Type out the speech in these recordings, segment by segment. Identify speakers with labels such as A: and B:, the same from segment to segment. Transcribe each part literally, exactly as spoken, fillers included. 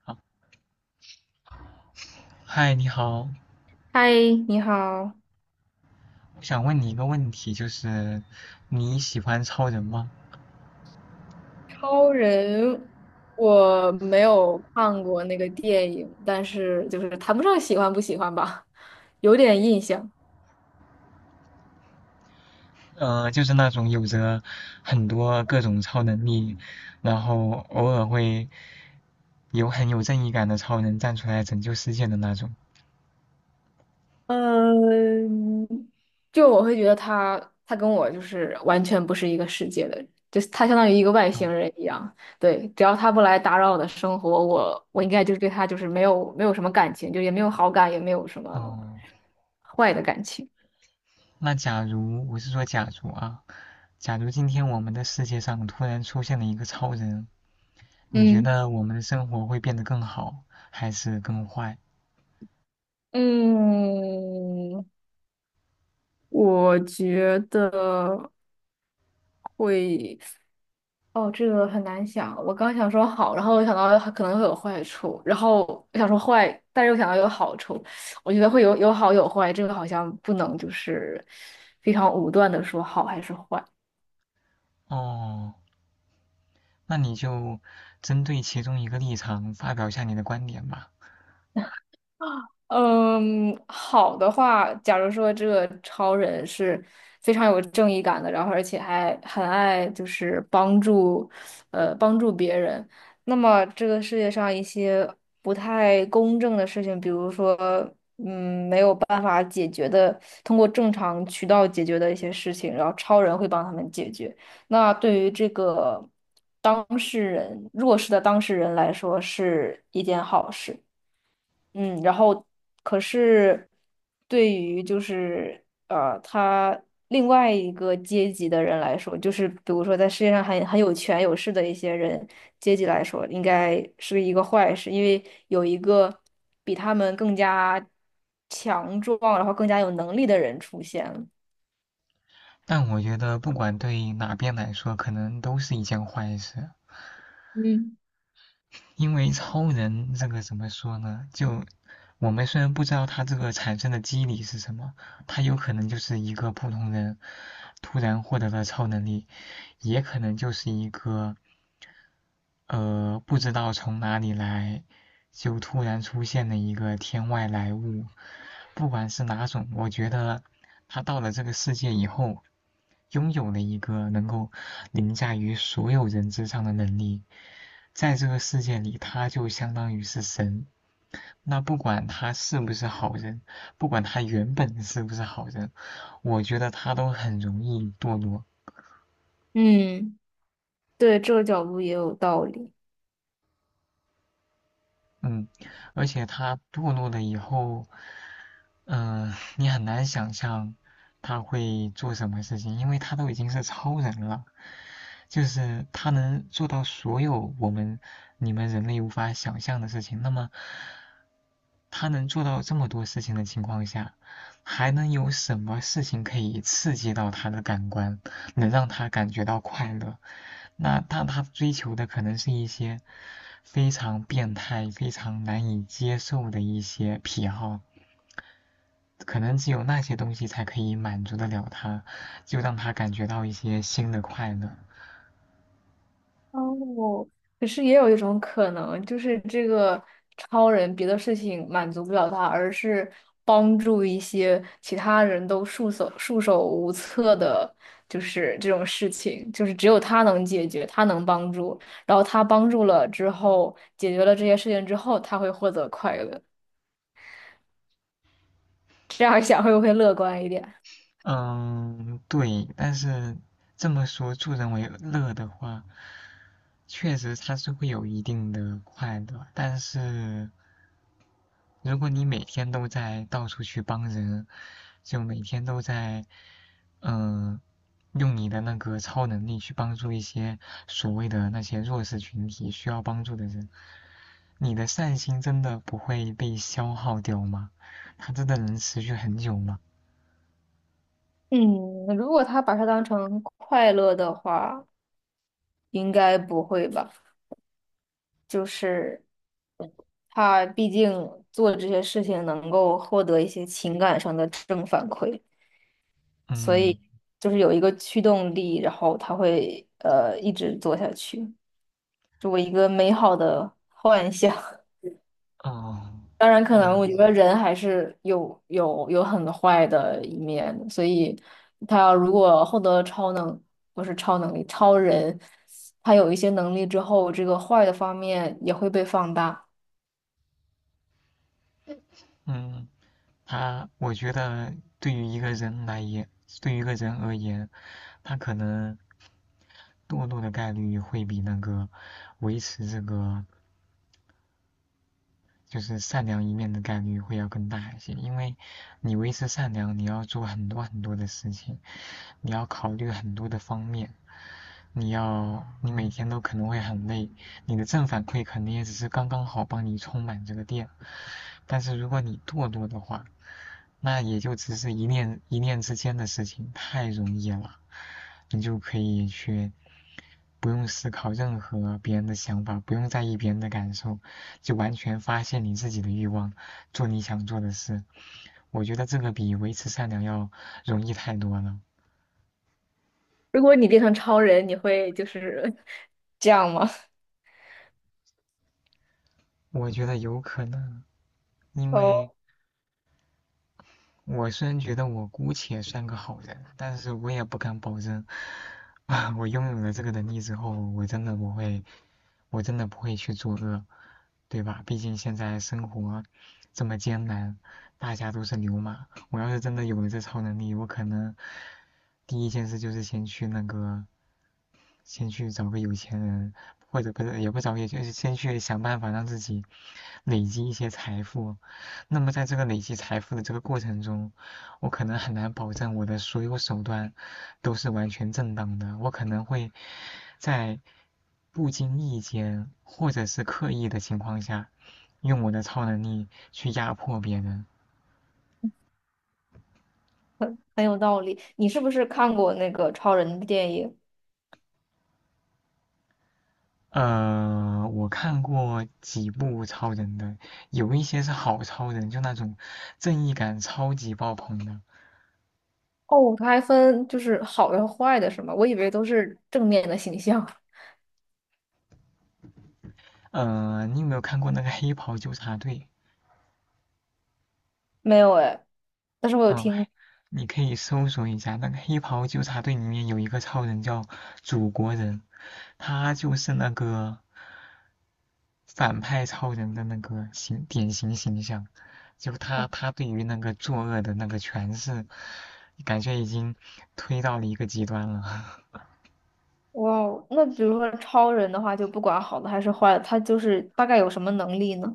A: 好，嗨，你好，
B: 嗨，你好。
A: 我想问你一个问题，就是你喜欢超人吗？
B: 超人，我没有看过那个电影，但是就是谈不上喜欢不喜欢吧，有点印象。
A: 呃，就是那种有着很多各种超能力，然后偶尔会有很有正义感的超人站出来拯救世界的那种。
B: 嗯，就我会觉得他，他跟我就是完全不是一个世界的人，就是他相当于一个外星
A: 嗯，
B: 人一样。对，只要他不来打扰我的生活，我我应该就是对他就是没有没有什么感情，就也没有好感，也没有什么
A: 哦，
B: 坏的感情。
A: 那假如我是说假如啊，假如今天我们的世界上突然出现了一个超人，你觉
B: 嗯，
A: 得我们的生活会变得更好还是更坏？
B: 嗯，我觉得会，哦，这个很难想。我刚想说好，然后我想到它可能会有坏处，然后我想说坏，但是又想到有好处。我觉得会有有好有坏，这个好像不能就是非常武断的说好还是坏。
A: 哦，那你就针对其中一个立场发表一下你的观点吧。
B: 嗯，好的话，假如说这个超人是非常有正义感的，然后而且还很爱就是帮助，呃，帮助别人，那么这个世界上一些不太公正的事情，比如说，嗯，没有办法解决的，通过正常渠道解决的一些事情，然后超人会帮他们解决。那对于这个当事人，弱势的当事人来说，是一件好事。嗯，然后可是对于就是呃，他另外一个阶级的人来说，就是比如说在世界上很很有权有势的一些人阶级来说，应该是一个坏事，因为有一个比他们更加强壮，然后更加有能力的人出现了。
A: 但我觉得，不管对哪边来说，可能都是一件坏事，
B: 嗯，
A: 因为超人这个怎么说呢？就我们虽然不知道他这个产生的机理是什么，他有可能就是一个普通人突然获得了超能力，也可能就是一个呃，不知道从哪里来，就突然出现了一个天外来物。不管是哪种，我觉得他到了这个世界以后，拥有了一个能够凌驾于所有人之上的能力。在这个世界里，他就相当于是神。那不管他是不是好人，不管他原本是不是好人，我觉得他都很容易堕落。
B: 嗯，对，这个角度也有道理。
A: 嗯，而且他堕落了以后，嗯，呃你很难想象他会做什么事情，因为他都已经是超人了，就是他能做到所有我们你们人类无法想象的事情。那么，他能做到这么多事情的情况下，还能有什么事情可以刺激到他的感官，能让他感觉到快乐？那但他追求的可能是一些非常变态、非常难以接受的一些癖好。可能只有那些东西才可以满足得了他，就让他感觉到一些新的快乐。
B: 哦，可是也有一种可能，就是这个超人别的事情满足不了他，而是帮助一些其他人都束手束手无策的，就是这种事情，就是只有他能解决，他能帮助，然后他帮助了之后，解决了这些事情之后，他会获得快乐。这样想会不会乐观一点？
A: 嗯，对，但是这么说助人为乐的话，确实他是会有一定的快乐，但是如果你每天都在到处去帮人，就每天都在嗯。呃用你的那个超能力去帮助一些所谓的那些弱势群体需要帮助的人，你的善心真的不会被消耗掉吗？它真的能持续很久吗？
B: 嗯，如果他把它当成快乐的话，应该不会吧？就是。他毕竟做这些事情能够获得一些情感上的正反馈，所
A: 嗯，
B: 以就是有一个驱动力，然后他会呃一直做下去，作为一个美好的幻想。
A: 哦，
B: 当然，
A: 那
B: 可能我觉得人还是有有有很坏的一面的，所以他要如果获得超能，不是超能力，超人，他有一些能力之后，这个坏的方面也会被放大。
A: 嗯，它，我觉得对于一个人来言，对于一个人而言，他可能堕落的概率会比那个维持这个就是善良一面的概率会要更大一些，因为你维持善良，你要做很多很多的事情，你要考虑很多的方面，你要，你每天都可能会很累，你的正反馈肯定也只是刚刚好帮你充满这个电，但是如果你堕落的话，那也就只是一念一念之间的事情，太容易了，你就可以去不用思考任何别人的想法，不用在意别人的感受，就完全发现你自己的欲望，做你想做的事。我觉得这个比维持善良要容易太多了，
B: 如果你变成超人，你会就是 这样吗？
A: 我觉得有可能，因为。
B: 哦，
A: 我虽然觉得我姑且算个好人，但是我也不敢保证，啊，我拥有了这个能力之后，我真的不会，我真的不会去作恶，对吧？毕竟现在生活这么艰难，大家都是牛马。我要是真的有了这超能力，我可能第一件事就是先去那个先去找个有钱人，或者不是也不找，也就是先去想办法让自己累积一些财富。那么在这个累积财富的这个过程中，我可能很难保证我的所有手段都是完全正当的，我可能会在不经意间或者是刻意的情况下，用我的超能力去压迫别人。
B: 很有道理。你是不是看过那个超人的电影？
A: 呃，我看过几部超人的，有一些是好超人，就那种正义感超级爆棚的。
B: 哦，它还分就是好的和坏的，是吗？我以为都是正面的形象。
A: 呃，你有没有看过那个《黑袍纠察队》？
B: 没有哎，但是我有
A: 嗯，
B: 听。
A: 你可以搜索一下，那个《黑袍纠察队》里面有一个超人叫祖国人，他就是那个反派超人的那个形典型形象，就他他对于那个作恶的那个诠释，感觉已经推到了一个极端了。
B: 哇哦，那比如说超人的话，就不管好的还是坏的，他就是大概有什么能力呢？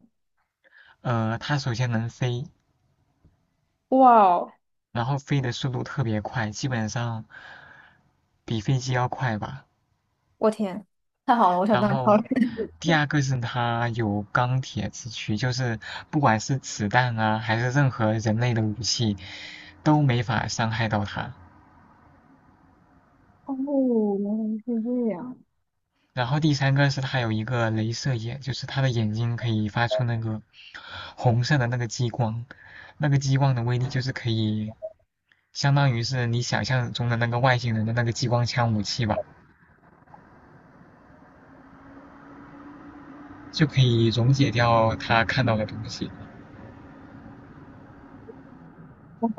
A: 呃，它首先能飞，
B: 哇哦，
A: 然后飞的速度特别快，基本上比飞机要快吧。
B: 我天，太好了，我想
A: 然
B: 当超
A: 后
B: 人。
A: 第二个是它有钢铁之躯，就是不管是子弹啊，还是任何人类的武器，都没法伤害到它。
B: 哦，原来是这样。
A: 然后第三个是它有一个镭射眼，就是它的眼睛可以发出那个红色的那个激光，那个激光的威力就是可以。相当于是你想象中的那个外星人的那个激光枪武器吧，就可以溶解掉他看到的东西。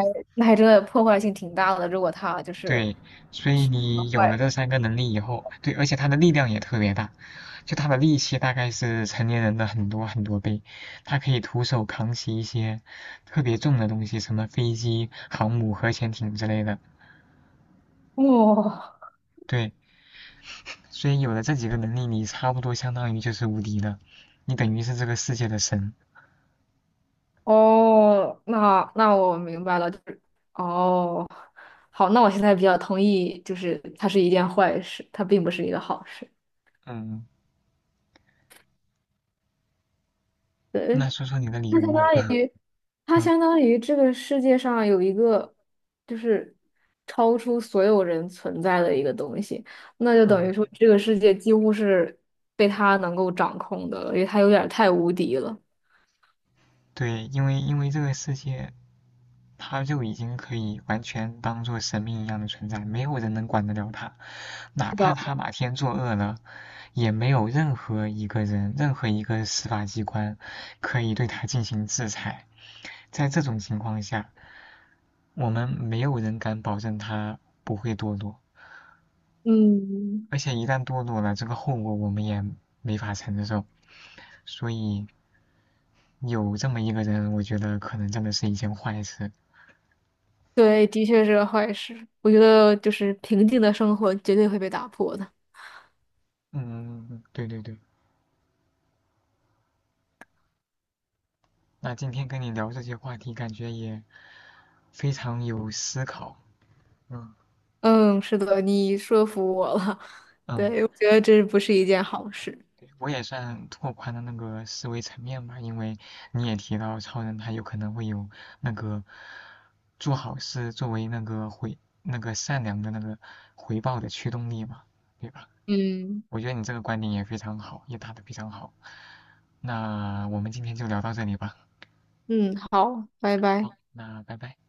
B: 那还真的破坏性挺大的，如果他就是
A: 对，所以你有了
B: 坏人。
A: 这三个能力以后，对，而且他的力量也特别大，就他的力气大概是成年人的很多很多倍，他可以徒手扛起一些特别重的东西，什么飞机、航母、核潜艇之类的。
B: 哇、
A: 对，所以有了这几个能力，你差不多相当于就是无敌的，你等于是这个世界的神。
B: 哦，那那我明白了，就是哦，好，那我现在比较同意，就是它是一件坏事，它并不是一个好事。
A: 嗯，那
B: 对，
A: 说说你的理
B: 它
A: 由
B: 相
A: 吧。
B: 当于， 它
A: 嗯
B: 相当于这个世界上有一个就是超出所有人存在的一个东西，那就等于说
A: 嗯。
B: 这个世界几乎是被他能够掌控的了，因为他有点儿太无敌了。
A: 对，因为因为这个世界，他就已经可以完全当做神明一样的存在，没有人能管得了他，哪
B: 是
A: 怕
B: 的，
A: 他哪天作恶了，也没有任何一个人、任何一个司法机关可以对他进行制裁。在这种情况下，我们没有人敢保证他不会堕落，
B: 嗯，
A: 而且一旦堕落了，这个后果我们也没法承受。所以有这么一个人，我觉得可能真的是一件坏事。
B: 对，的确是个坏事。我觉得就是平静的生活绝对会被打破的。
A: 嗯，嗯嗯对对对。那今天跟你聊这些话题，感觉也非常有思考。嗯
B: 嗯，是的，你说服我了。
A: 嗯，
B: 对，我觉得这不是一件好事。
A: 对我也算拓宽了那个思维层面吧，因为你也提到超人他有可能会有那个做好事作为那个回那个善良的那个回报的驱动力嘛，对吧？
B: 嗯，
A: 我觉得你这个观点也非常好，也打得非常好。那我们今天就聊到这里吧。
B: 嗯，好，拜
A: 好，
B: 拜。
A: 那拜拜。